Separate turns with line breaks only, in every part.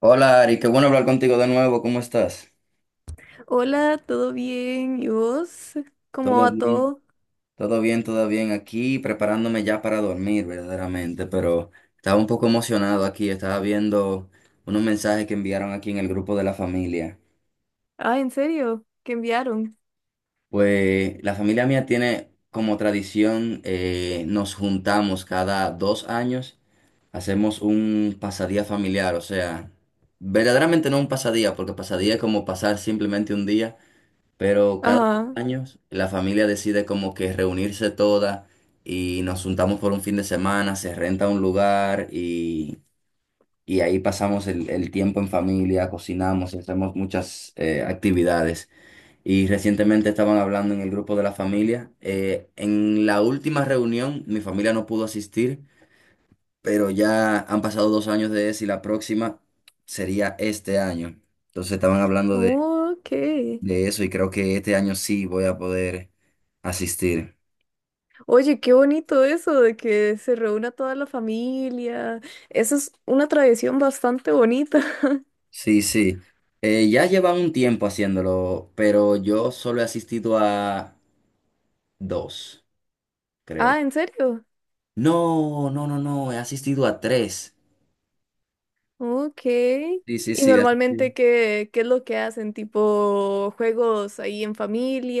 Hola Ari, qué bueno hablar contigo de nuevo, ¿cómo estás?
Hola, ¿todo bien? ¿Y vos? ¿Cómo
¿Todo
va
bien?
todo?
Todo bien, todo bien. Aquí preparándome ya para dormir verdaderamente, pero estaba un poco emocionado aquí, estaba viendo unos mensajes que enviaron aquí en el grupo de la familia.
Ah, ¿en serio? ¿Qué enviaron?
Pues la familia mía tiene como tradición, nos juntamos cada 2 años, hacemos un pasadía familiar, o sea, verdaderamente no un pasadía, porque pasadía es como pasar simplemente un día. Pero cada dos
Ajá.
años la familia decide como que reunirse toda y nos juntamos por un fin de semana, se renta un lugar y ahí pasamos el tiempo en familia, cocinamos y hacemos muchas actividades. Y recientemente estaban hablando en el grupo de la familia. En la última reunión mi familia no pudo asistir, pero ya han pasado 2 años de eso y la próxima sería este año. Entonces estaban hablando de
Oh, ok.
de eso y creo que este año sí voy a poder asistir.
Oye, qué bonito eso de que se reúna toda la familia. Eso es una tradición bastante bonita.
Sí, sí. Ya llevan un tiempo haciéndolo, pero yo solo he asistido a dos, creo.
Ah, ¿en serio?
No, no, no, no, he asistido a tres.
Ok.
Sí, sí,
¿Y
sí. He asistido.
normalmente qué es lo que hacen? ¿Tipo juegos ahí en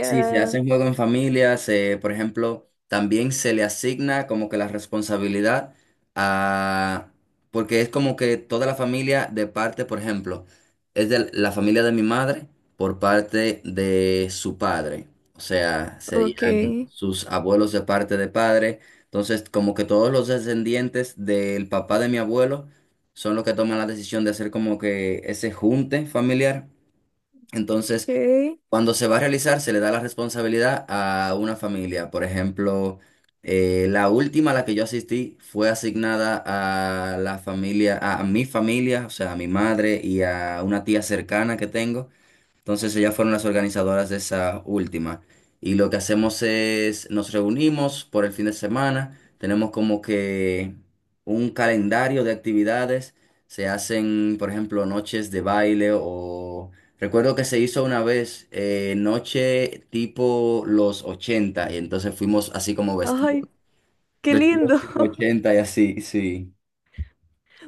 Sí, se hacen juegos en familia, se, por ejemplo, también se le asigna como que la responsabilidad a, porque es como que toda la familia de parte, por ejemplo, es de la familia de mi madre por parte de su padre, o sea,
Ok,
serían sus abuelos de parte de padre, entonces como que todos los descendientes del papá de mi abuelo son los que toman la decisión de hacer como que ese junte familiar. Entonces,
ok.
cuando se va a realizar, se le da la responsabilidad a una familia. Por ejemplo, la última a la que yo asistí fue asignada a la familia, a mi familia, o sea, a mi madre y a una tía cercana que tengo. Entonces ellas fueron las organizadoras de esa última. Y lo que hacemos es, nos reunimos por el fin de semana, tenemos como que un calendario de actividades, se hacen, por ejemplo, noches de baile o... Recuerdo que se hizo una vez noche tipo los 80 y entonces fuimos así como vestidos,
Ay, qué
vestidos
lindo.
tipo 80 y así, sí.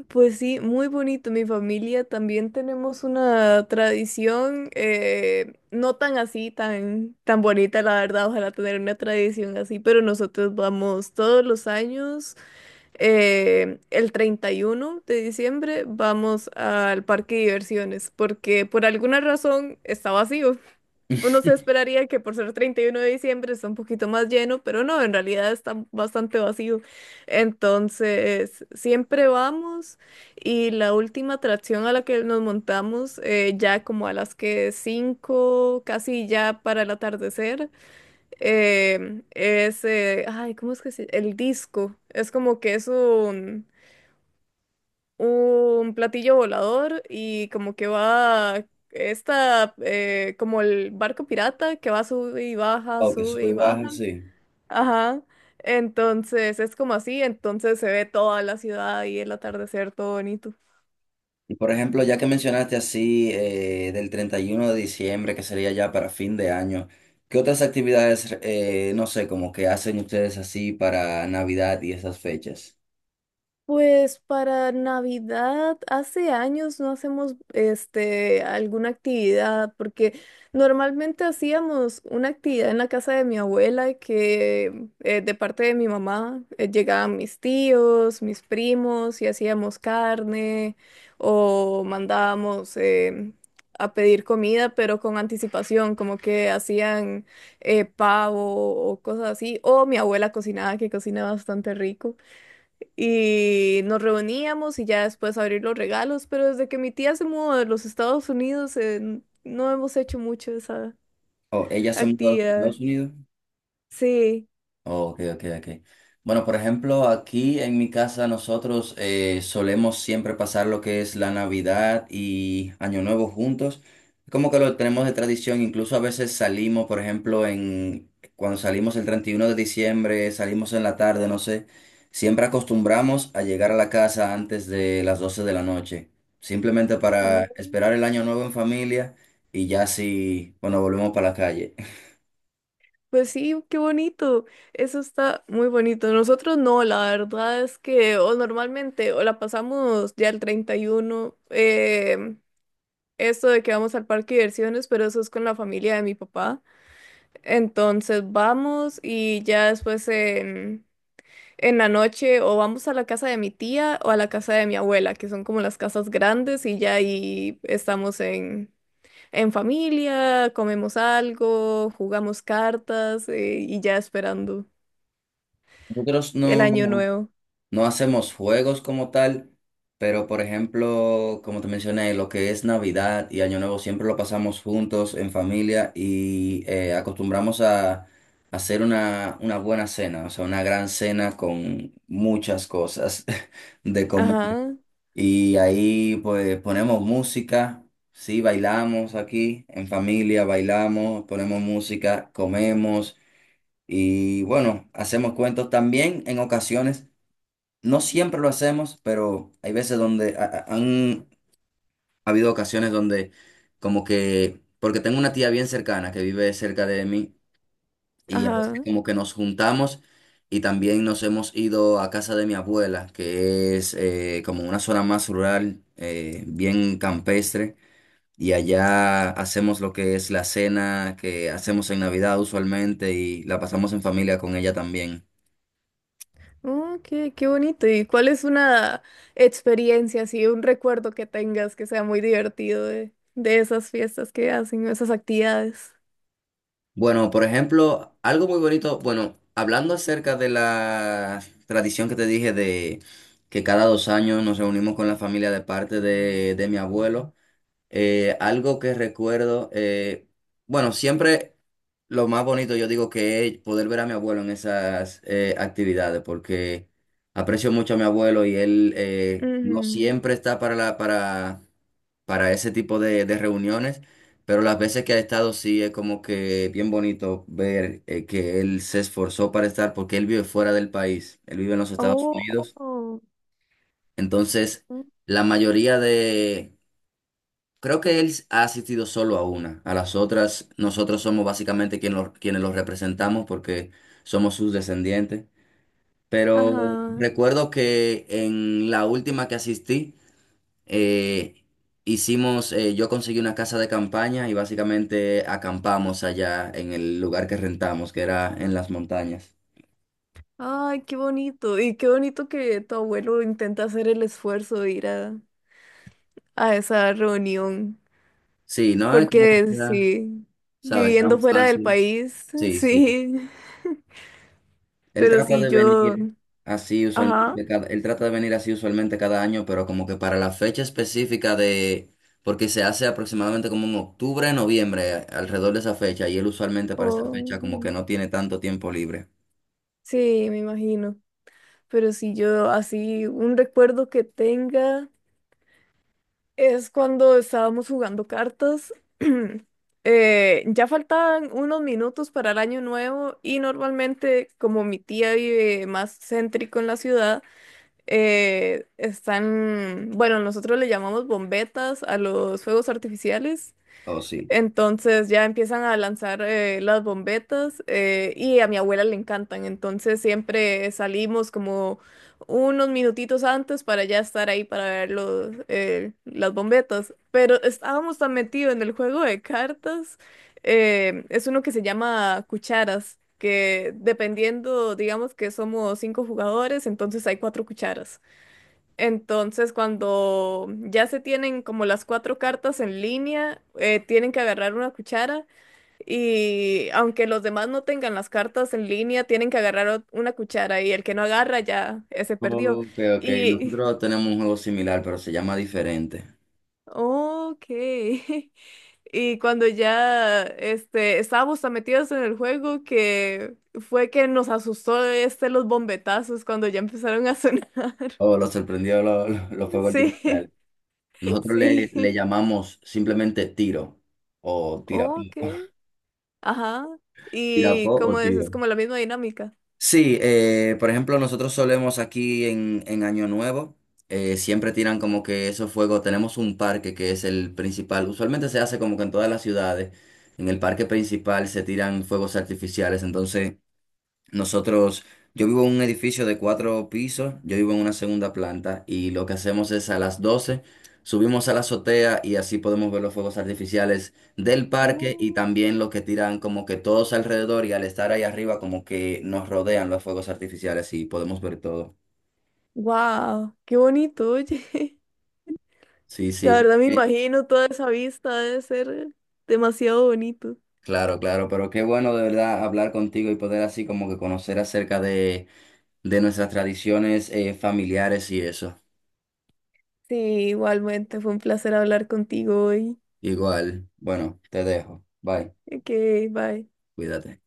Pues sí, muy bonito. Mi familia también tenemos una tradición, no tan así, tan bonita, la verdad. Ojalá tener una tradición así, pero nosotros vamos todos los años, el 31 de diciembre, vamos al parque de diversiones, porque por alguna razón está vacío. Uno se esperaría que por ser 31 de diciembre está un poquito más lleno, pero no, en realidad está bastante vacío. Entonces, siempre vamos y la última atracción a la que nos montamos, ya como a las que 5 casi ya para el atardecer, em, es, ay, ¿cómo es que se El disco. Es como que es un platillo volador y como que va como el barco pirata que va sube y baja,
Oh, que
sube
sube
y
y baja,
baja.
sí.
Ajá. Entonces es como así, entonces se ve toda la ciudad y el atardecer todo bonito.
Y por ejemplo, ya que mencionaste así del 31 de diciembre, que sería ya para fin de año, ¿qué otras actividades, no sé, como que hacen ustedes así para Navidad y esas fechas?
Pues para Navidad, hace años no hacemos este alguna actividad, porque normalmente hacíamos una actividad en la casa de mi abuela que de parte de mi mamá llegaban mis tíos, mis primos y hacíamos carne o mandábamos a pedir comida, pero con anticipación, como que hacían pavo o cosas así, o mi abuela cocinaba, que cocina bastante rico. Y nos reuníamos y ya después abrir los regalos, pero desde que mi tía se mudó de los Estados Unidos, no hemos hecho mucho esa
¿O ella se mudó a los
actividad.
Estados Unidos?
Sí.
Ok, ok, ok. Bueno, por ejemplo, aquí en mi casa nosotros solemos siempre pasar lo que es la Navidad y Año Nuevo juntos. Como que lo tenemos de tradición, incluso a veces salimos, por ejemplo, en cuando salimos el 31 de diciembre, salimos en la tarde, no sé, siempre acostumbramos a llegar a la casa antes de las 12 de la noche, simplemente para
Oh,
esperar el Año Nuevo en familia y ya si, bueno, volvemos para la calle.
pues sí, qué bonito. Eso está muy bonito. Nosotros no, la verdad es que o normalmente o la pasamos ya el 31, esto de que vamos al parque de diversiones, pero eso es con la familia de mi papá. Entonces vamos y ya después en la noche o vamos a la casa de mi tía o a la casa de mi abuela, que son como las casas grandes y ya ahí en familia, comemos algo, jugamos cartas y ya esperando
Nosotros
el año
no.
nuevo.
No hacemos juegos como tal, pero por ejemplo, como te mencioné, lo que es Navidad y Año Nuevo siempre lo pasamos juntos en familia y acostumbramos a hacer una buena cena, o sea, una gran cena con muchas cosas de comer.
Ajá,
Y ahí pues ponemos música, sí, bailamos aquí en familia, bailamos, ponemos música, comemos y bueno, hacemos cuentos también en ocasiones. No siempre lo hacemos, pero hay veces donde han habido ocasiones donde como que, porque tengo una tía bien cercana que vive cerca de mí y a veces
ajá.
como que nos juntamos y también nos hemos ido a casa de mi abuela, que es como una zona más rural, bien campestre, y allá hacemos lo que es la cena que hacemos en Navidad usualmente y la pasamos en familia con ella también.
Oh, qué bonito. ¿Y cuál es una experiencia, así, un recuerdo que tengas que sea muy divertido de esas fiestas que hacen, esas actividades?
Bueno, por ejemplo, algo muy bonito, bueno, hablando acerca de la tradición que te dije de que cada 2 años nos reunimos con la familia de parte de mi abuelo, algo que recuerdo, bueno, siempre... Lo más bonito, yo digo que es poder ver a mi abuelo en esas actividades, porque aprecio mucho a mi abuelo y él no
Ujú.
siempre está para la, para ese tipo de reuniones, pero las veces que ha estado sí es como que bien bonito ver que él se esforzó para estar, porque él vive fuera del país, él vive en los Estados Unidos,
Oh.
entonces la mayoría de, creo que él ha asistido solo a una. A las otras, nosotros somos básicamente quienes los representamos porque somos sus descendientes. Pero
Ajá.
recuerdo que en la última que asistí, eh, hicimos, yo conseguí una casa de campaña y básicamente acampamos allá en el lugar que rentamos, que era en las montañas.
Ay, qué bonito. Y qué bonito que tu abuelo intenta hacer el esfuerzo de a esa reunión.
Sí, no es como que
Porque
sea,
sí,
¿sabes?
viviendo
Tan
fuera del
fácil.
país,
Sí, sí.
sí.
Él
Pero
trata
sí
de
yo,
venir así
ajá.
usualmente cada, él trata de venir así usualmente cada año, pero como que para la fecha específica de, porque se hace aproximadamente como en octubre, noviembre, alrededor de esa fecha, y él usualmente para esa fecha como que
o-
no tiene tanto tiempo libre.
sí, me imagino. Pero si yo así, un recuerdo que tenga. Es cuando estábamos jugando cartas. Ya faltaban unos minutos para el año nuevo y normalmente como mi tía vive más céntrico en la ciudad, están, bueno, nosotros le llamamos bombetas a los fuegos artificiales.
Oh, sí.
Entonces ya empiezan a lanzar las bombetas y a mi abuela le encantan. Entonces siempre salimos como unos minutitos antes para ya estar ahí para ver los, las bombetas. Pero estábamos tan metidos en el juego de cartas. Es uno que se llama cucharas, que dependiendo, digamos que somos cinco jugadores, entonces hay cuatro cucharas. Entonces, cuando ya se tienen como las cuatro cartas en línea, tienen que agarrar una cuchara y aunque los demás no tengan las cartas en línea, tienen que agarrar una cuchara y el que no agarra ya se perdió.
Ok, ok.
Y,
Nosotros tenemos un juego similar, pero se llama diferente.
ok. Y cuando ya estábamos tan metidos en el juego que fue que nos asustó los bombetazos cuando ya empezaron a sonar.
Oh, lo sorprendió los fuegos
Sí,
artificiales. Nosotros le
sí.
llamamos simplemente tiro o tirapó.
Ok. Ajá. Y
Tirapó o
como
tiro.
es como la misma dinámica.
Sí, por ejemplo, nosotros solemos aquí en Año Nuevo, siempre tiran como que esos fuegos, tenemos un parque que es el principal, usualmente se hace como que en todas las ciudades, en el parque principal se tiran fuegos artificiales, entonces... Nosotros, yo vivo en un edificio de cuatro pisos, yo vivo en una segunda planta y lo que hacemos es a las 12 subimos a la azotea y así podemos ver los fuegos artificiales del parque y
Oh,
también los que tiran como que todos alrededor y al estar ahí arriba como que nos rodean los fuegos artificiales y podemos ver todo.
wow, qué bonito, oye.
Sí,
La
sí,
verdad me
eh,
imagino toda esa vista, debe ser demasiado bonito.
claro, claro, pero qué bueno de verdad hablar contigo y poder así como que conocer acerca de nuestras tradiciones familiares y eso.
Sí, igualmente, fue un placer hablar contigo hoy.
Igual, bueno, te dejo. Bye.
Ok, bye.
Cuídate.